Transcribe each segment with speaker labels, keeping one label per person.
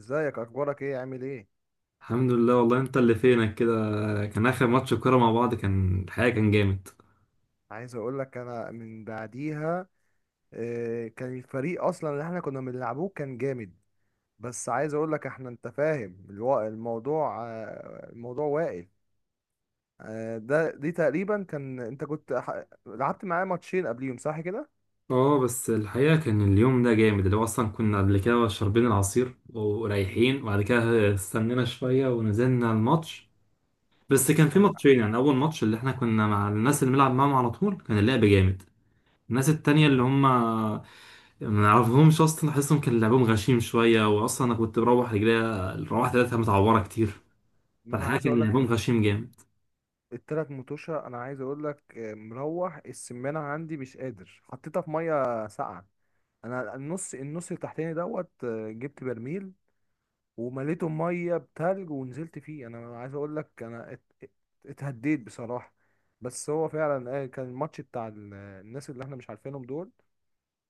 Speaker 1: ازيك؟ اخبارك ايه؟ عامل ايه؟
Speaker 2: الحمد لله. والله انت اللي فينك كده، كان اخر ماتش كوره مع بعض. كان الحقيقه كان جامد.
Speaker 1: عايز اقول لك، انا من بعديها. آه، كان الفريق اصلا اللي احنا كنا بنلعبوه كان جامد. بس عايز اقول لك، احنا انت فاهم الموضوع واقف. دي تقريبا، كان انت كنت لعبت معايا ماتشين قبليهم، صح كده؟
Speaker 2: اه، بس الحقيقه كان اليوم ده جامد، اللي هو اصلا كنا قبل كده شاربين العصير ورايحين، وبعد كده استنينا شويه ونزلنا الماتش. بس كان في
Speaker 1: كان.
Speaker 2: ماتشين، يعني اول ماتش اللي احنا كنا مع الناس اللي بنلعب معاهم على طول كان اللعب جامد. الناس التانية اللي هم ما نعرفهمش اصلا احسهم كان لعبهم غشيم شويه، واصلا انا كنت بروح رجليا، روحت ثلاثه متعوره كتير.
Speaker 1: ما انا
Speaker 2: فالحقيقه
Speaker 1: عايز
Speaker 2: كان
Speaker 1: اقول لك
Speaker 2: لعبهم غشيم جامد.
Speaker 1: التلات متوشة، انا عايز اقول لك، مروح السمانة عندي، مش قادر، حطيتها في مية ساقعة. انا النص التحتاني دوت، جبت برميل ومليته ميه بتلج ونزلت فيه. انا عايز اقول لك، انا اتهديت بصراحه. بس هو فعلا، كان الماتش بتاع الناس اللي احنا مش عارفينهم دول.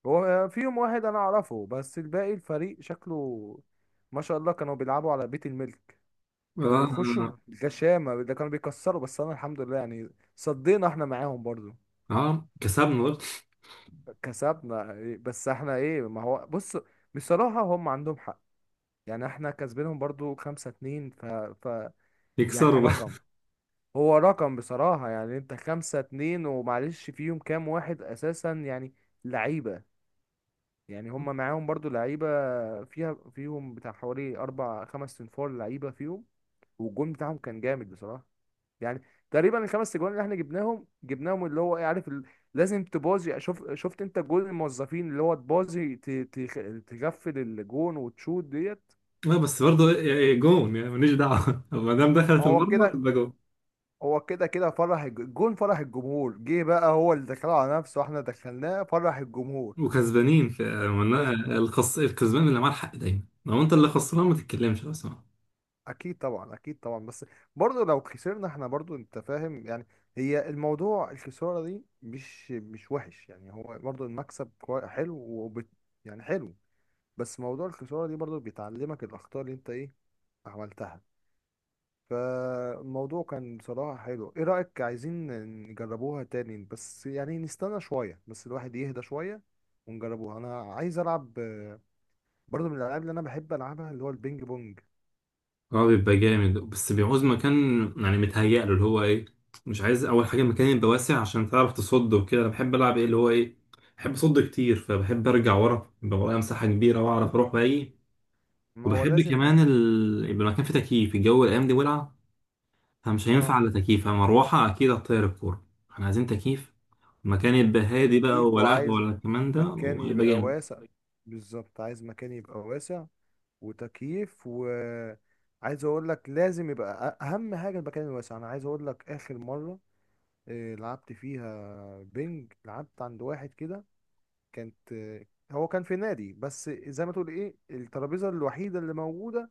Speaker 1: هو فيهم واحد انا اعرفه، بس الباقي الفريق شكله ما شاء الله، كانوا بيلعبوا على بيت الملك. كانوا بيخشوا
Speaker 2: آه،
Speaker 1: بغشامه، ده كانوا بيكسروا، بس انا الحمد لله يعني صدينا احنا معاهم برضو.
Speaker 2: اه كسبنا برضه.
Speaker 1: كسبنا. بس احنا ايه، ما هو بص، بصراحه هم عندهم حق. يعني احنا كسبينهم برضو 5-2 ف... ف. يعني
Speaker 2: يكسروا بقى.
Speaker 1: رقم، هو رقم بصراحة، يعني انت 5-2 ومعلش فيهم كام واحد اساسا يعني لعيبة. يعني هما معاهم برضو لعيبة. فيهم بتاع حوالي اربع خمس تنفار لعيبة فيهم. والجون بتاعهم كان جامد بصراحة. يعني تقريبا الخمس اجوان اللي احنا جبناهم اللي هو ايه، عارف ال... لازم تبازي، شفت انت جول الموظفين اللي هو تبازي، تغفل الجون وتشوت ديت.
Speaker 2: لا بس برضه إيه- إيه، جون يعني ماليش دعوه ما دام
Speaker 1: ما
Speaker 2: دخلت
Speaker 1: هو
Speaker 2: المرمى
Speaker 1: كده.
Speaker 2: تبقى جون.
Speaker 1: هو كده كده فرح الجون، فرح الجمهور، جه بقى هو اللي دخله على نفسه واحنا دخلناه، فرح الجمهور.
Speaker 2: وكسبانين من-
Speaker 1: كز...
Speaker 2: الكسبان اللي معاه الحق دايما، لو انت اللي خسران ما تتكلمش اصلا.
Speaker 1: اكيد طبعا، اكيد طبعا، بس برضه لو خسرنا احنا برضه انت فاهم يعني. هي الموضوع، الخسارة دي مش وحش يعني، هو برضه المكسب حلو وبت... يعني حلو. بس موضوع الخسارة دي برضه بيتعلمك الأخطاء اللي انت ايه، عملتها. فالموضوع كان بصراحة حلو. ايه رأيك؟ عايزين نجربوها تاني، بس يعني نستنى شوية، بس الواحد يهدى شوية ونجربوها. انا عايز العب، برضو من الالعاب اللي انا بحب العبها اللي هو البينج بونج.
Speaker 2: اه بيبقى جامد بس بيعوز مكان، يعني متهيأ له اللي هو ايه، مش عايز. اول حاجه المكان يبقى واسع عشان تعرف تصد وكده. انا بحب العب ايه اللي هو ايه، بحب اصد كتير فبحب ارجع ورا، يبقى ورايا مساحه كبيره واعرف اروح باقي.
Speaker 1: ما هو
Speaker 2: وبحب
Speaker 1: لازم.
Speaker 2: كمان يبقى المكان فيه تكييف، الجو الايام دي ولع، فمش هينفع
Speaker 1: اه،
Speaker 2: الا تكييف. مروحه اكيد هتطير الكوره. احنا عايزين تكييف، مكان يبقى هادي بقى،
Speaker 1: تكييف.
Speaker 2: ولا قهوه
Speaker 1: وعايز
Speaker 2: ولا الكلام ده،
Speaker 1: مكان
Speaker 2: ويبقى
Speaker 1: يبقى
Speaker 2: جامد.
Speaker 1: واسع. بالظبط، عايز مكان يبقى واسع وتكييف، وعايز اقول لك، لازم يبقى اهم حاجة المكان الواسع. انا عايز اقول لك، اخر مرة لعبت فيها بينج، لعبت عند واحد كده. كانت آه، هو كان في نادي، بس زي ما تقول ايه، الترابيزه الوحيده اللي موجوده.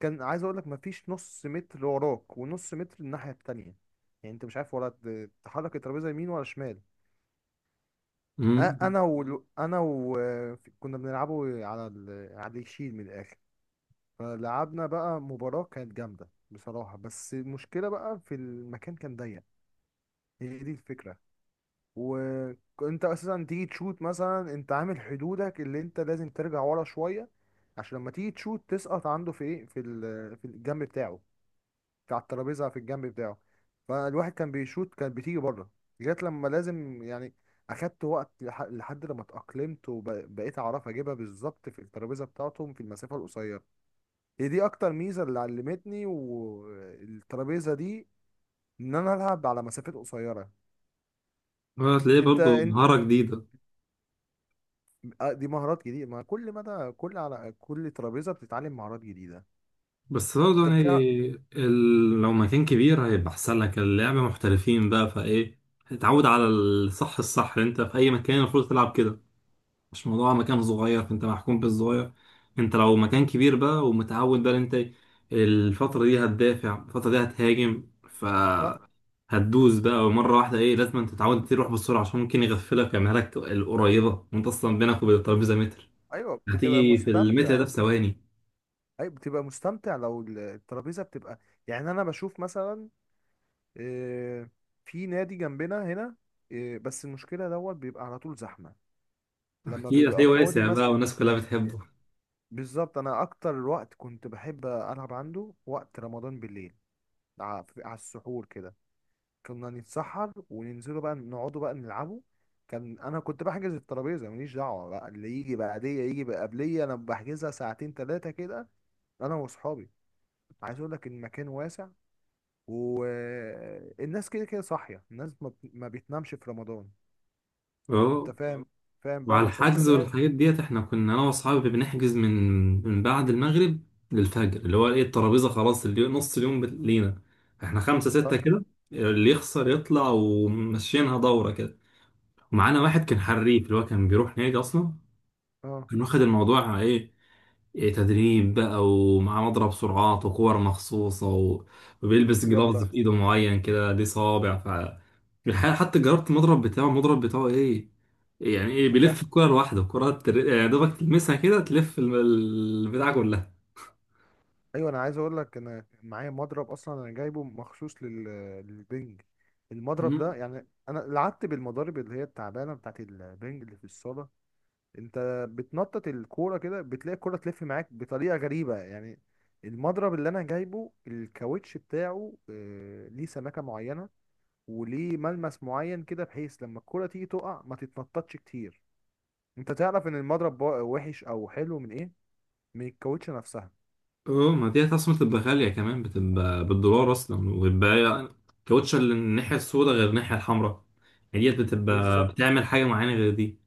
Speaker 1: كان عايز اقول لك، مفيش نص متر وراك ونص متر الناحيه التانية. يعني انت مش عارف ولا تحرك الترابيزه يمين ولا شمال.
Speaker 2: امم
Speaker 1: انا و كنا بنلعبه على الشيل من الاخر. فلعبنا بقى مباراه كانت جامده بصراحه، بس المشكله بقى في المكان كان ضيق. هي دي الفكره. وانت اساسا تيجي تشوت مثلا، انت عامل حدودك اللي انت لازم ترجع ورا شويه عشان لما تيجي تشوت تسقط عنده في ايه، في في الجنب بتاعه. في على الترابيزه، في الجنب بتاعه. فالواحد كان بيشوت كانت بتيجي بره. جت لما لازم يعني اخدت وقت لحد لما اتاقلمت وبقيت اعرف اجيبها بالظبط في الترابيزه بتاعتهم في المسافه القصيره. هي دي اكتر ميزه اللي علمتني والترابيزه دي، ان انا العب على مسافات قصيره.
Speaker 2: هتلاقيه
Speaker 1: انت
Speaker 2: برضه
Speaker 1: انت
Speaker 2: مهاره جديده.
Speaker 1: دي مهارات جديدة، ما كل مدى كل على كل ترابيزة بتتعلم مهارات جديدة.
Speaker 2: بس برضه
Speaker 1: انت
Speaker 2: يعني
Speaker 1: بتاع.
Speaker 2: لو مكان كبير هيبقى احسن لك، اللعبه محترفين بقى فايه. اتعود على الصح، انت في اي مكان المفروض تلعب كده، مش موضوع مكان صغير فانت محكوم بالصغير. انت لو مكان كبير بقى ومتعود بقى إن انت الفتره دي هتدافع، الفتره دي هتهاجم، ف
Speaker 1: صح.
Speaker 2: هتدوس بقى مرة واحدة. ايه، لازم انت تتعود تروح بسرعة، عشان ممكن يغفلك ويعملها لك القريبة وانت اصلا بينك وبين الترابيزة متر،
Speaker 1: ايوه، بتبقى
Speaker 2: هتيجي في المتر ده
Speaker 1: مستمتع.
Speaker 2: في ثواني.
Speaker 1: ايوه، بتبقى مستمتع لو الترابيزة بتبقى، يعني انا بشوف مثلا، آه، في نادي جنبنا هنا، بس المشكلة دوت بيبقى على طول زحمة. لما
Speaker 2: اكيد
Speaker 1: بيبقى
Speaker 2: هتلاقيه
Speaker 1: فاضي
Speaker 2: واسع بقى،
Speaker 1: مثلا،
Speaker 2: والناس كلها بتحبه.
Speaker 1: بالظبط، انا اكتر وقت كنت بحب العب عنده وقت رمضان بالليل، على السحور كده. كنا نتسحر وننزلوا بقى نقعدوا بقى نلعبوا. كان انا كنت بحجز الترابيزه، ماليش دعوه بقى، اللي يجي بعديه يجي بقبليه، انا بحجزها ساعتين ثلاثه كده، انا واصحابي. عايز اقول لك، المكان واسع، والناس كده كده صاحيه، الناس ما بتنامش في رمضان. انت، اه،
Speaker 2: اه،
Speaker 1: فاهم، اه، فاهم بقى
Speaker 2: وعلى الحجز
Speaker 1: المسلسلات.
Speaker 2: والحاجات ديت احنا كنا انا واصحابي بنحجز من بعد المغرب للفجر، اللي هو ايه، الترابيزة خلاص اللي نص اليوم لينا. احنا خمسة ستة
Speaker 1: اه.
Speaker 2: كده، اللي يخسر يطلع وماشيينها دورة كده. ومعانا واحد كان حريف، اللي هو كان بيروح نادي اصلا،
Speaker 1: آه. ايوه.
Speaker 2: كان واخد الموضوع ايه، إيه، تدريب بقى، ومعاه مضرب سرعات وكور مخصوصة وبيلبس جلافز
Speaker 1: يلا.
Speaker 2: في ايده معين كده ليه صابع. ف الحقيقة حتى جربت المضرب بتاعه. المضرب بتاعه ايه يعني، ايه، بيلف
Speaker 1: بس.
Speaker 2: الكرة لوحده. الكرة يعني دوبك تلمسها كده تلف البتاع كلها.
Speaker 1: ايوه، انا عايز اقول لك، انا معايا مضرب اصلا، انا جايبه مخصوص للبنج. المضرب ده
Speaker 2: مم.
Speaker 1: يعني، انا لعبت بالمضارب اللي هي التعبانه بتاعت البنج اللي في الصاله. انت بتنطط الكوره كده، بتلاقي الكوره تلف معاك بطريقه غريبه يعني. المضرب اللي انا جايبه، الكاوتش بتاعه ليه سمكه معينه، وليه ملمس معين كده بحيث لما الكوره تيجي تقع ما تتنططش كتير. انت تعرف ان المضرب وحش او حلو من ايه؟ من الكاوتش نفسها.
Speaker 2: اه، ما دي اصلا بتبقى غالية كمان، بتبقى بالدولار اصلا، وبيبقى يعني كاوتش الناحية السوداء غير الناحية الحمراء، يعني ديت
Speaker 1: يلا،
Speaker 2: بتبقى
Speaker 1: بالظبط.
Speaker 2: بتعمل حاجة معينة غير دي.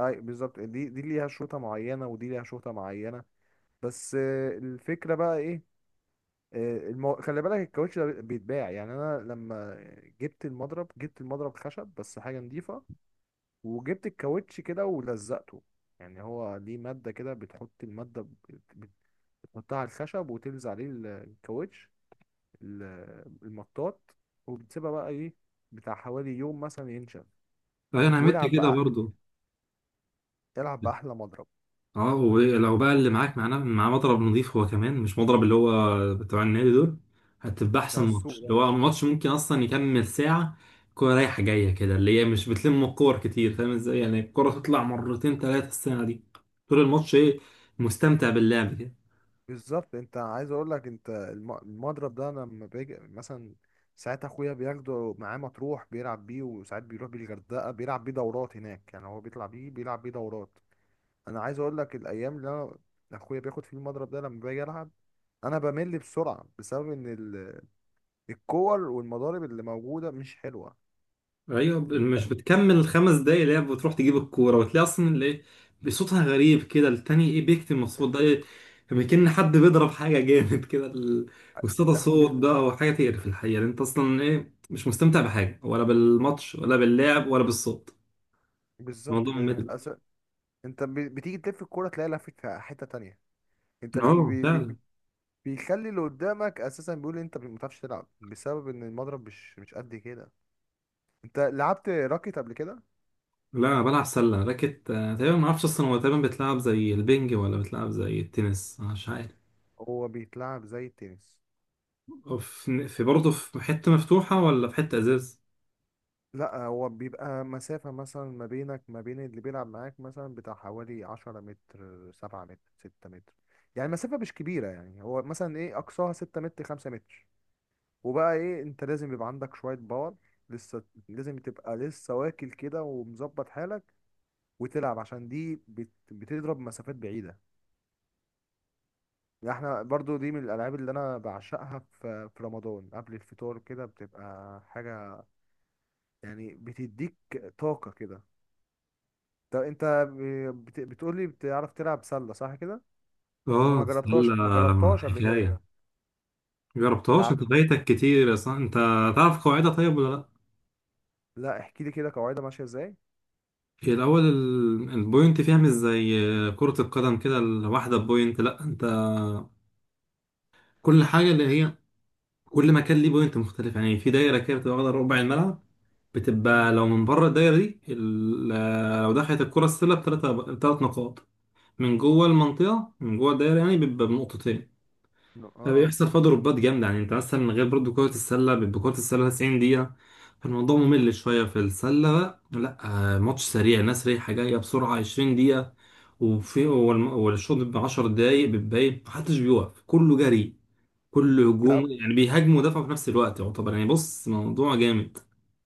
Speaker 1: اي بالظبط، دي ليها شوطة معينة ودي ليها شوطة معينة. بس الفكرة بقى ايه؟ خلي بالك، الكاوتش ده بيتباع يعني. انا لما جبت المضرب خشب بس حاجة نضيفة، وجبت الكاوتش كده ولزقته. يعني هو ليه مادة كده، بتحط المادة بتحطها على الخشب وتلزق عليه الكاوتش، ال- المطاط. وبتسيبها بقى ايه، بتاع حوالي يوم مثلا ينشف،
Speaker 2: فانا عملت
Speaker 1: والعب
Speaker 2: كده
Speaker 1: بقى،
Speaker 2: برضو.
Speaker 1: العب بأحلى مضرب
Speaker 2: اه، ولو بقى اللي معاك معاه مضرب نظيف، هو كمان مش مضرب اللي هو بتاع النادي دول، هتبقى
Speaker 1: بتاع
Speaker 2: احسن ماتش، اللي
Speaker 1: السوق.
Speaker 2: هو ماتش ممكن اصلا يكمل ساعة. كورة رايحة جاية كده اللي هي مش بتلم الكور كتير، فاهم ازاي؟ يعني الكورة تطلع مرتين ثلاثة السنة دي، طول الماتش ايه، مستمتع باللعب كده.
Speaker 1: بالظبط، انت عايز اقول لك، انت المضرب ده لما باجي مثلا، ساعات اخويا بياخده معاه مطروح بيلعب بيه، وساعات بيروح بيه الغردقه بيلعب بيه دورات هناك، يعني هو بيطلع بيه بيلعب بيه دورات. انا عايز اقول لك، الايام اللي انا اخويا بياخد فيه المضرب ده لما باجي العب، انا بمل بسرعه بسبب ان الكور والمضارب اللي موجوده مش حلوه.
Speaker 2: ايوه، مش
Speaker 1: انت
Speaker 2: بتكمل الخمس دقايق لعب، وتروح تجيب الكوره وتلاقي اصلا اللي إيه، بصوتها غريب كده. التاني ايه، بيكتم الصوت، ده ايه، كما كأن حد بيضرب حاجه جامد كده. واستدى
Speaker 1: لا،
Speaker 2: صوت ده، هو حاجه تقرف الحقيقه، لأن انت اصلا ايه، مش مستمتع بحاجه ولا بالماتش ولا باللعب ولا بالصوت.
Speaker 1: بالظبط
Speaker 2: الموضوع
Speaker 1: كده، انت
Speaker 2: ممل.
Speaker 1: انت بتيجي تلف الكوره تلاقي لفت في حته تانية. انت
Speaker 2: اه فعلا.
Speaker 1: بيخلي اللي قدامك اساسا بيقول إيه، انت ما بتعرفش تلعب بسبب ان المضرب مش قد كده. انت لعبت راكت قبل كده؟
Speaker 2: لا، انا بلعب سله راكت. آه، تقريبا ما اعرفش اصلا، هو تقريبا بتلعب زي البنج ولا بتلعب زي التنس؟ أنا مش عارف.
Speaker 1: هو بيتلعب زي التنس.
Speaker 2: أو في برضه، في حته مفتوحه ولا في حته ازاز؟
Speaker 1: لا، هو بيبقى مسافة مثلا ما بينك ما بين اللي بيلعب معاك، مثلا بتاع حوالي 10 متر، 7 متر، 6 متر. يعني مسافة مش كبيرة، يعني هو مثلا ايه، أقصاها 6 متر، 5 متر. وبقى ايه، انت لازم يبقى عندك شوية باور، لسه لازم تبقى لسه واكل كده ومظبط حالك وتلعب، عشان دي بتضرب مسافات بعيدة. يعني احنا برضو دي من الالعاب اللي انا بعشقها في رمضان، قبل الفطار كده بتبقى حاجه، يعني بتديك طاقه كده. طب انت بتقولي بتعرف تلعب سله، صح كده؟ انا
Speaker 2: اه،
Speaker 1: ما جربتهاش، اه، ما
Speaker 2: السلة
Speaker 1: جربتهاش قبل كده
Speaker 2: حكاية.
Speaker 1: ده
Speaker 2: مجربتهاش؟ انت
Speaker 1: لا.
Speaker 2: فايتك كتير اصلا. انت تعرف قواعدها طيب ولا لا؟
Speaker 1: لا، احكي لي كده قواعدها ماشيه ازاي.
Speaker 2: هي الاول البوينت فيها مش زي كرة القدم كده، الواحدة بوينت، لا انت كل حاجة اللي هي كل مكان ليه بوينت مختلف. يعني في دايرة كده بتبقى واخدة ربع الملعب، بتبقى
Speaker 1: مم.
Speaker 2: لو من بره الدايرة دي لو دخلت الكرة السلة بتلاتة، بتلات نقاط. من جوه المنطقة، من جوه الدايرة يعني، بيبقى بنقطتين.
Speaker 1: اه.
Speaker 2: فبيحصل فيه ضربات جامدة. يعني انت مثلا من غير برضو كرة السلة، بيبقى كرة السلة 90 دقيقة، فالموضوع ممل شوية. في السلة بقى لا، آه، ماتش سريع، ناس رايحة جاية بسرعة، 20 دقيقة، وفي
Speaker 1: مم.
Speaker 2: والشوط بيبقى 10 دقايق، بتبقى محدش بيوقف، كله جري، كله هجوم،
Speaker 1: لا.
Speaker 2: يعني بيهاجموا ودافعوا في نفس الوقت يعتبر. يعني بص موضوع جامد،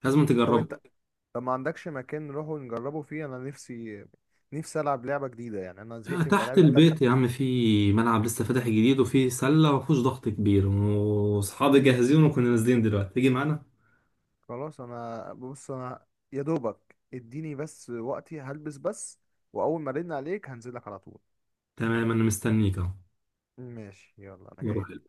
Speaker 2: لازم
Speaker 1: طب
Speaker 2: تجربه.
Speaker 1: انت طب ما عندكش مكان نروحوا نجربه فيه؟ انا نفسي، نفسي العب لعبه جديده، يعني انا
Speaker 2: آه،
Speaker 1: زهقت من
Speaker 2: تحت
Speaker 1: الالعاب
Speaker 2: البيت
Speaker 1: التانية.
Speaker 2: يا عم في ملعب لسه فاتح جديد، وفي سلة مفيهوش ضغط كبير، واصحابي جاهزين، وكنا نازلين دلوقتي، تيجي معانا؟
Speaker 1: خلاص، انا بص، انا يا دوبك اديني بس وقتي، هلبس بس، واول ما ارن عليك هنزلك على طول.
Speaker 2: تمام، انا مستنيك اهو.
Speaker 1: ماشي، يلا، انا
Speaker 2: مرة
Speaker 1: جاي.
Speaker 2: حلوة.